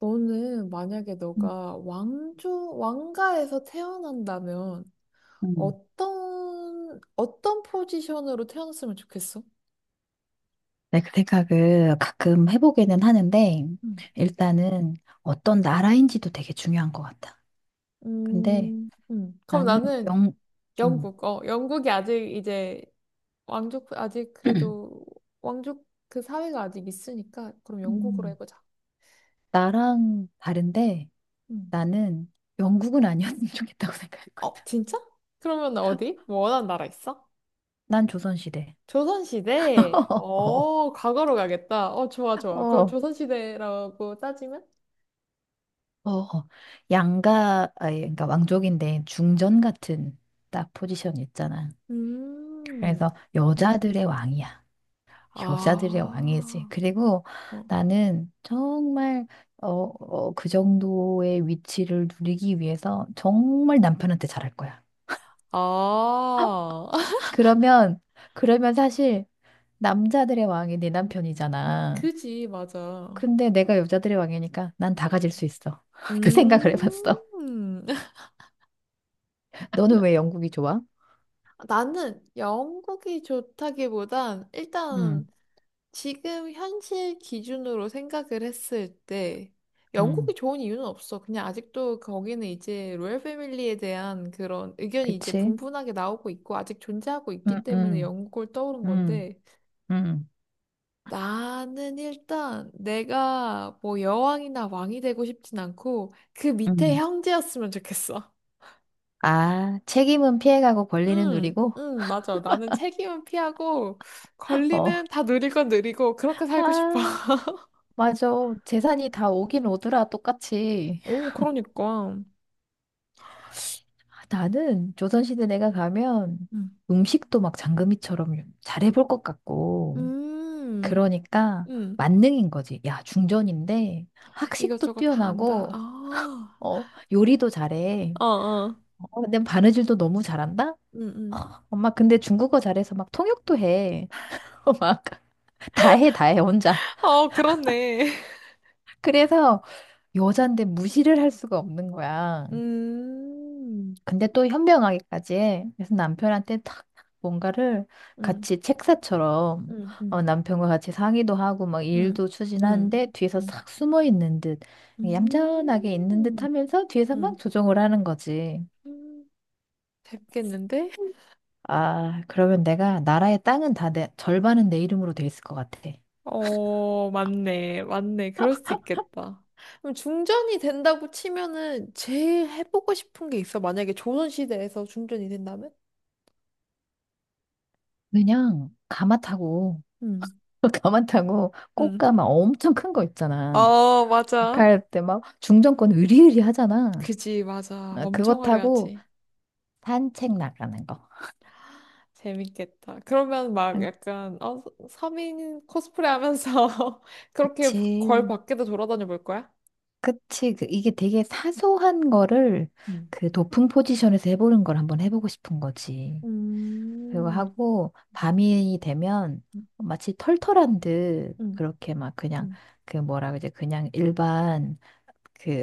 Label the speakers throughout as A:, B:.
A: 너는 만약에
B: 음,
A: 너가 왕조, 왕가에서 태어난다면
B: 음.
A: 어떤 포지션으로 태어났으면 좋겠어?
B: 네, 그 생각을 가끔 해보기는 하는데,
A: 음.
B: 일단은 어떤 나라인지도 되게 중요한 것 같아. 근데
A: 그럼
B: 나는
A: 나는
B: 영, 음,
A: 영국, 영국이 아직 이제 왕족, 아직 그래도 왕족 그 사회가 아직 있으니까 그럼 영국으로
B: 음,
A: 해보자.
B: 나랑 다른데
A: 음.
B: 나는 영국은 아니었으면 좋겠다고 생각했거든.
A: 어, 진짜? 그러면 어디? 뭐 원하는 나라 있어?
B: 난 조선시대.
A: 조선시대?
B: 어,
A: 어, 과거로 가겠다. 어, 좋아, 좋아. 그럼
B: 어,
A: 조선시대라고 따지면?
B: 어. 양가, 아니, 그러니까 왕족인데 중전 같은 딱 포지션 있잖아.
A: 음.
B: 그래서
A: 음.
B: 여자들의 왕이야. 여자들의 왕이지.
A: 아.
B: 그리고
A: 어.
B: 나는 정말 그 정도의 위치를 누리기 위해서 정말 남편한테 잘할 거야.
A: 아.
B: 그러면 그러면 사실 남자들의 왕이 내 남편이잖아.
A: 그지, 맞아.
B: 근데 내가 여자들의 왕이니까 난 다 가질 수 있어. 그 생각을 해봤어.
A: 음.
B: 너는 왜 영국이 좋아?
A: 나는 영국이 좋다기보단 일단
B: 음,
A: 지금 현실 기준으로 생각을 했을 때 영국이
B: 음,
A: 좋은 이유는 없어. 그냥 아직도 거기는 이제 로얄 패밀리에 대한 그런 의견이 이제
B: 그치?
A: 분분하게 나오고 있고 아직 존재하고 있기
B: 음,
A: 때문에
B: 음,
A: 영국을 떠오른
B: 음,
A: 건데
B: 음,
A: 나는 일단 내가 뭐 여왕이나 왕이 되고 싶진 않고 그 밑에
B: 음.
A: 형제였으면 좋겠어.
B: 아, 책임은 피해가고 권리는
A: 응,
B: 누리고.
A: 응, 맞아. 나는 책임은 피하고
B: 어.
A: 권리는 다 누릴 건 누리고 그렇게 살고 싶어.
B: 아. 맞아. 재산이 다 오긴 오더라, 똑같이.
A: 오, 그러니까.
B: 아, 나는 조선시대 내가 가면
A: 음.
B: 음식도 막 장금이처럼 잘해볼 것 같고.
A: 음,
B: 그러니까
A: 음,
B: 만능인 거지. 야, 중전인데 학식도
A: 이것저것 다 안다.
B: 뛰어나고,
A: 아,
B: 어, 요리도 잘해.
A: 어, 어,
B: 어, 근데 바느질도 너무 잘한다?
A: 음, 음.
B: 엄마, 근데 중국어 잘해서 막 통역도 해. 어, 막, 다 해, 다 해, 혼자.
A: 어, 그렇네.
B: 그래서 여잔데 무시를 할 수가 없는 거야.
A: 음,
B: 근데 또 현명하기까지 해. 그래서 남편한테 탁 뭔가를
A: 음,
B: 같이 책사처럼
A: 음, 음,
B: 남편과 같이 상의도 하고 막
A: 음,
B: 일도
A: 음,
B: 추진하는데 뒤에서
A: 음.
B: 싹 숨어 있는 듯 얌전하게 있는 듯
A: 음.
B: 하면서 뒤에서 막
A: 응.
B: 조정을 하는 거지.
A: 음, 됐겠는데?
B: 아, 그러면 내가 나라의 땅은 다 내, 절반은 내 이름으로 돼 있을 것 같아.
A: 어, 맞네. 맞네. 그럴 수 있겠다. 그럼 중전이 된다고 치면은 제일 해보고 싶은 게 있어. 만약에 조선시대에서 중전이 된다면?
B: 그냥 가마 타고
A: 응.
B: 가마 타고
A: 응.
B: 꽃가마 엄청 큰 거 있잖아.
A: 어, 맞아.
B: 갈 때 막 중정권 으리으리 하잖아.
A: 그지, 맞아.
B: 아, 그거
A: 엄청
B: 타고
A: 화려하지.
B: 산책 나가는 거.
A: 재밌겠다. 그러면 막
B: 음,
A: 약간, 어, 서민 코스프레 하면서 그렇게 걸
B: 그치.
A: 밖에도 돌아다녀 볼 거야?
B: 그치. 그 이게 되게 사소한 거를
A: 응.
B: 그 높은 포지션에서 해보는 걸 한번 해보고 싶은 거지. 그리고
A: 음.
B: 하고
A: 음,
B: 밤이 되면 마치 털털한 듯
A: 음,
B: 그렇게 막 그냥
A: 음,
B: 그 뭐라 그러지? 그냥 일반 그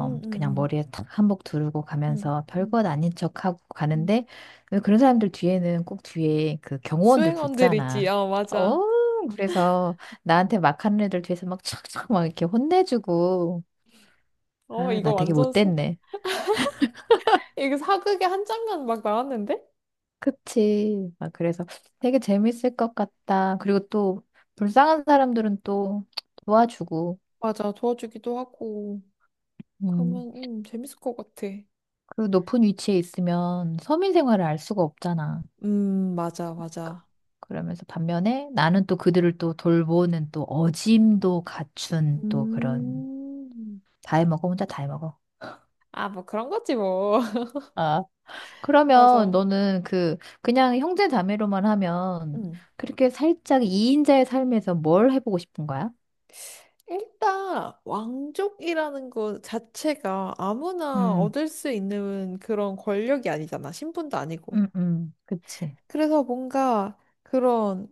A: 음,
B: 그냥
A: 음.
B: 머리에 탁 한복 두르고
A: 응,
B: 가면서
A: 응,
B: 별것 아닌 척하고
A: 응.
B: 가는데 왜 그런 사람들 뒤에는 꼭 뒤에 그 경호원들
A: 수행원들 있지.
B: 붙잖아.
A: 어,
B: 어,
A: 맞아.
B: 그래서 나한테 막 하는 애들 뒤에서 막 촥촥 막 이렇게 혼내주고
A: 어,
B: 아,
A: 이거
B: 나 되게
A: 완전 사...
B: 못됐네.
A: 이거 사극의 한 장면 막 나왔는데?
B: 그치. 막 그래서 되게 재밌을 것 같다. 그리고 또 불쌍한 사람들은 또 도와주고
A: 맞아. 도와주기도 하고.
B: 음,
A: 그러면 재밌을 것 같아.
B: 그 높은 위치에 있으면 서민 생활을 알 수가 없잖아.
A: 맞아,
B: 그-
A: 맞아.
B: 러면서 반면에 나는 또 그들을 또 돌보는 또 어짐도 갖춘 또 그런
A: 음.
B: 다 해먹어 혼자 다 해먹어.
A: 아, 뭐 그런 거지 뭐.
B: 아, 그러면
A: 맞아.
B: 너는 그 그냥 형제 자매로만 하면
A: 음.
B: 그렇게 살짝 이인자의 삶에서 뭘 해보고 싶은 거야?
A: 일단 왕족이라는 것 자체가 아무나
B: 음,
A: 얻을 수 있는 그런 권력이 아니잖아. 신분도 아니고.
B: 그치.
A: 그래서 뭔가 그런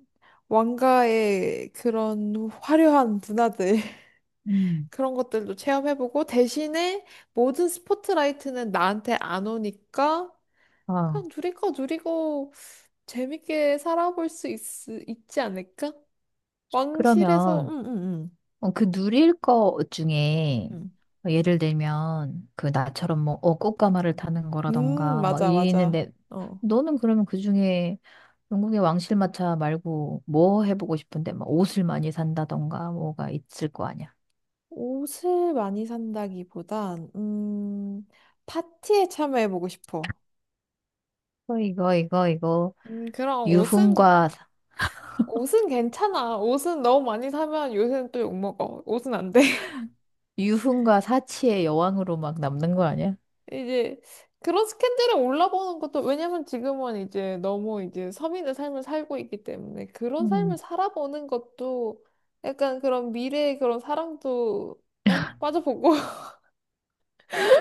A: 왕가의 그런 화려한 문화들
B: 음,
A: 그런 것들도 체험해보고 대신에 모든 스포트라이트는 나한테 안 오니까
B: 어.
A: 그냥 누리고 누리고 재밌게 살아볼 수 있, 있지 않을까? 왕실에서
B: 그러면
A: 응응응
B: 그 누릴 거 중에
A: 음,
B: 예를 들면 그 나처럼 꽃가마를 타는 거라던가 막
A: 맞아 맞아
B: 이랬는데
A: 어
B: 너는 그러면 그 중에 영국의 왕실마차 말고 뭐 해보고 싶은데 막 옷을 많이 산다던가 뭐가 있을 거 아니야.
A: 옷을 많이 산다기보단 파티에 참여해보고 싶어.
B: 어, 이거
A: 그럼 옷은
B: 유흥과 사-
A: 옷은 괜찮아. 옷은 너무 많이 사면 요새는 또 욕먹어. 옷은 안 돼.
B: 유흥과 사치의 여왕으로 막 남는 거 아니야?
A: 이제 그런 스캔들을 올라보는 것도 왜냐면 지금은 이제 너무 이제 서민의 삶을 살고 있기 때문에 그런 삶을
B: 음.
A: 살아보는 것도 약간 그런 미래의 그런 사랑도 어, 빠져보고.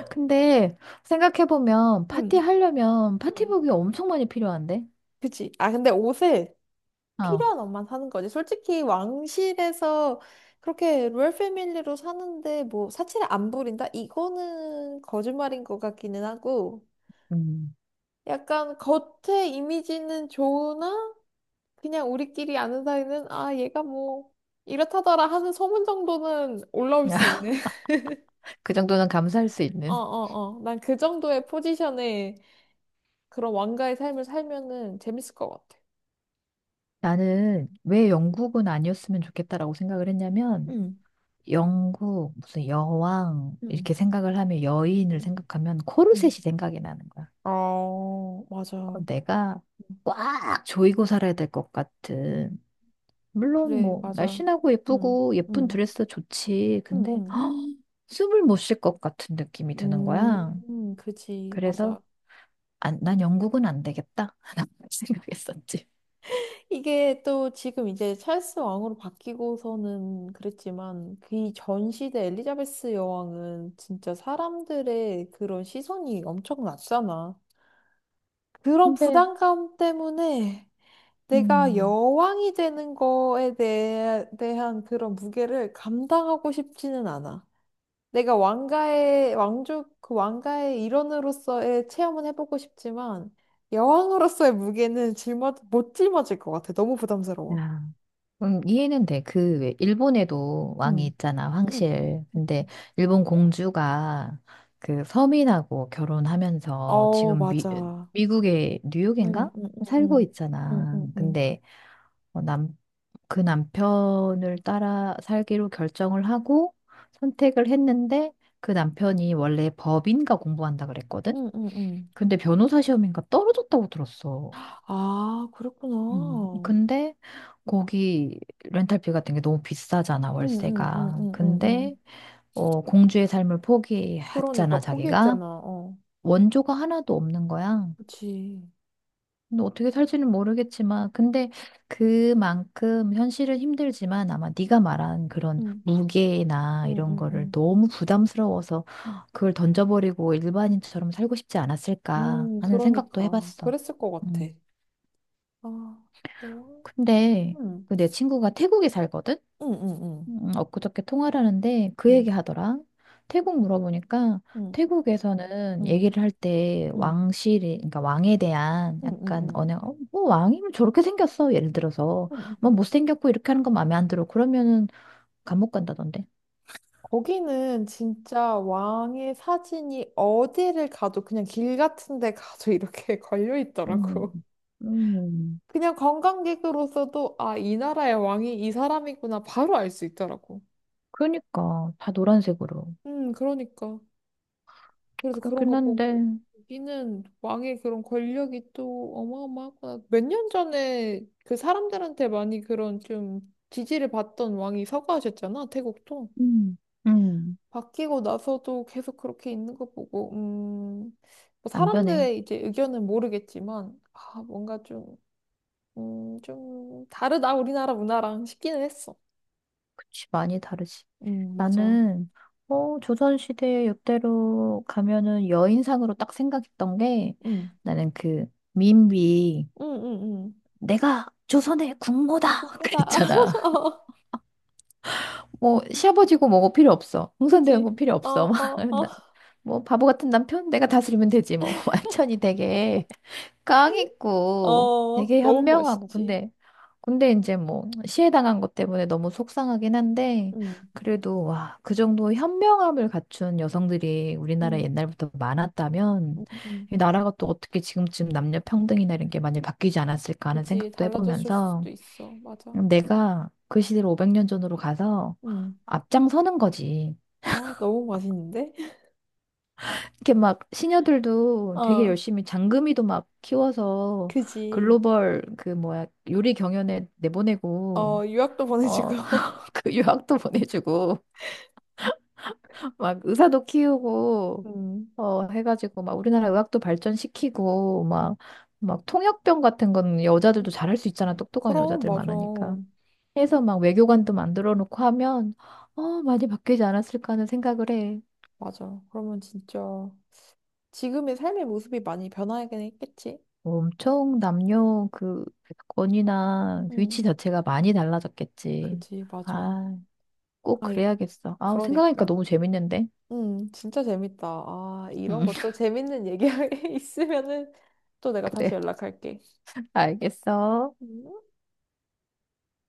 B: 근데 생각해보면
A: 응,
B: 파티 하려면
A: 응.
B: 파티복이 엄청 많이 필요한데.
A: 그치. 아, 근데 옷을
B: 어.
A: 필요한 옷만 사는 거지. 솔직히 왕실에서 그렇게 로열 패밀리로 사는데 뭐 사치를 안 부린다? 이거는 거짓말인 것 같기는 하고.
B: 음.
A: 약간 겉에 이미지는 좋으나 그냥 우리끼리 아는 사이는 아 얘가 뭐 이렇다더라 하는 소문 정도는 올라올 수 있는
B: 그 정도는 감사할 수 있는.
A: 어어어 난 그 정도의 포지션에 그런 왕가의 삶을 살면은 재밌을 것 같아
B: 나는 왜 영국은 아니었으면 좋겠다라고 생각을 했냐면,
A: 응
B: 영국, 무슨 여왕,
A: 응,
B: 이렇게 생각을 하면 여인을
A: 응,
B: 생각하면 코르셋이
A: 응.
B: 생각이 나는 거야.
A: 어, 맞아.
B: 어, 내가 꽉 조이고 살아야 될 것 같은. 물론
A: 그래,
B: 뭐,
A: 맞아.
B: 날씬하고
A: 응,
B: 예쁘고 예쁜
A: 응,
B: 드레스 좋지.
A: 응,
B: 근데,
A: 응.
B: 헉, 숨을 못 쉴 것 같은 느낌이 드는 거야.
A: 그지,
B: 그래서,
A: 맞아.
B: 안, 난 영국은 안 되겠다. 라고 생각했었지.
A: 이게 또 지금 이제 찰스 왕으로 바뀌고서는 그랬지만 그 이전 시대 엘리자베스 여왕은 진짜 사람들의 그런 시선이 엄청 났잖아. 그런
B: 근데,
A: 부담감 때문에 내가
B: 음.
A: 여왕이 되는 거에 대한 그런 무게를 감당하고 싶지는 않아. 내가 왕가의 왕족 그 왕가의 일원으로서의 체험은 해보고 싶지만 여왕으로서의 무게는 짊어 못 짊어질 것 같아. 너무 부담스러워.
B: 야. 이해는 돼. 그, 왜, 일본에도 왕이
A: 음.
B: 있잖아,
A: 응.
B: 황실. 근데 일본 공주가 그 서민하고 결혼하면서
A: 어,
B: 지금
A: 맞아.
B: 미국의
A: 응,
B: 뉴욕인가?
A: 응,
B: 살고
A: 응, 응,
B: 있잖아.
A: 응, 응,
B: 근데 어, 남, 그 남편을 따라 살기로 결정을 하고 선택을 했는데 그 남편이 원래 법인가 공부한다 그랬거든?
A: 응, 응, 응.
B: 근데 변호사 시험인가 떨어졌다고 들었어.
A: 아, 그랬구나.
B: 근데 거기 렌탈비 같은 게 너무 비싸잖아,
A: 응, 응, 응,
B: 월세가.
A: 응, 응,
B: 근데
A: 응.
B: 어, 공주의 삶을 포기했잖아,
A: 그러니까
B: 자기가.
A: 포기했잖아. 어,
B: 원조가 하나도 없는 거야.
A: 그치.
B: 근데 어떻게 살지는 모르겠지만, 근데 그만큼 현실은 힘들지만 아마 네가 말한 그런
A: 응,
B: 무게나
A: 응,
B: 이런
A: 응,
B: 거를
A: 응.
B: 너무 부담스러워서 그걸 던져버리고 일반인처럼 살고 싶지 않았을까 하는 생각도
A: 그러니까
B: 해봤어.
A: 그랬을 것 같아.
B: 음,
A: 아, 영화.
B: 근데
A: 응,
B: 그 내 친구가 태국에 살거든?
A: 응, 응, 응,
B: 엊그저께 통화를 하는데 그
A: 응,
B: 얘기 하더라. 태국 물어보니까
A: 응,
B: 태국에서는
A: 응,
B: 얘기를 할 때
A: 응,
B: 왕실이, 그러니까 왕에 대한 약간
A: 응,
B: 언행, 어, 뭐 왕이면 저렇게 생겼어. 예를 들어서.
A: 응,
B: 뭐
A: 응.
B: 못생겼고 이렇게 하는 건 마음에 안 들어. 그러면은 감옥 간다던데.
A: 거기는 진짜 왕의 사진이 어디를 가도 그냥 길 같은 데 가도 이렇게 걸려
B: 음,
A: 있더라고.
B: 음.
A: 그냥 관광객으로서도 아, 이 나라의 왕이 이 사람이구나 바로 알 수 있더라고.
B: 그러니까 다 노란색으로.
A: 그러니까. 그래서 그런
B: 그렇긴
A: 거
B: 한데,
A: 보고 여기는 왕의 그런 권력이 또 어마어마하구나. 몇 년 전에 그 사람들한테 많이 그런 좀 지지를 받던 왕이 서거하셨잖아, 태국도.
B: 음, 음.
A: 바뀌고 나서도 계속 그렇게 있는 거 보고, 뭐
B: 안 변해.
A: 사람들의 이제 의견은 모르겠지만, 아, 뭔가 좀, 좀 다르다, 우리나라 문화랑 싶기는 했어.
B: 그치, 많이 다르지.
A: 맞아.
B: 나는, 조선시대 역대로 가면은 여인상으로 딱 생각했던 게
A: 음,
B: 나는 그 민비,
A: 음, 음, 음.
B: 내가 조선의 국모다!
A: 공부다.
B: 그랬잖아. 뭐, 시아버지고 뭐고 필요 없어.
A: 그지?
B: 흥선대원군 필요
A: 어,
B: 없어.
A: 어, 어.
B: 나- 뭐, 바보 같은 남편? 내가 다스리면 되지, 뭐. 완전히 되게. 깡 있고
A: 어,
B: 되게
A: 너무
B: 현명하고
A: 멋있지.
B: 근데 이제 뭐 시해당한 것 때문에 너무 속상하긴 한데
A: 음,
B: 그래도 와, 그 정도 현명함을 갖춘 여성들이 우리나라에
A: 음,
B: 옛날부터 많았다면
A: 음.
B: 이 나라가 또 어떻게 지금쯤 남녀 평등이나 이런 게 많이 바뀌지 않았을까 하는
A: 그지?
B: 생각도
A: 달라졌을
B: 해보면서
A: 수도 있어. 맞아.
B: 내가 그 시대로 500년 전으로 가서
A: 음.
B: 앞장서는 거지.
A: 아, 너무 맛있는데?
B: 이렇게 막 시녀들도 되게
A: 어,
B: 열심히 장금이도 막 키워서
A: 그지.
B: 글로벌 그 뭐야 요리 경연에 내보내고
A: 어, 유학도 보내주고.
B: 어 그 유학도 보내주고 막 의사도 키우고
A: 음.
B: 해가지고 막 우리나라 의학도 발전시키고 막 막 통역병 같은 건 여자들도 잘할 수 있잖아 똑똑한
A: 그럼,
B: 여자들
A: 맞아.
B: 많으니까 해서 막 외교관도 만들어 놓고 하면 많이 바뀌지 않았을까 하는 생각을 해.
A: 맞아. 그러면 진짜 지금의 삶의 모습이 많이 변하긴 했겠지?
B: 엄청 남녀 그 권위나
A: 응,
B: 위치 자체가 많이 달라졌겠지.
A: 그지, 맞아.
B: 아, 꼭
A: 아이,
B: 그래야겠어. 아, 생각하니까
A: 그러니까.
B: 너무 재밌는데.
A: 응, 진짜 재밌다. 아, 이런
B: 음,
A: 것도 재밌는 얘기 있으면은 또 내가 다시
B: 그래.
A: 연락할게.
B: 알겠어.
A: 음.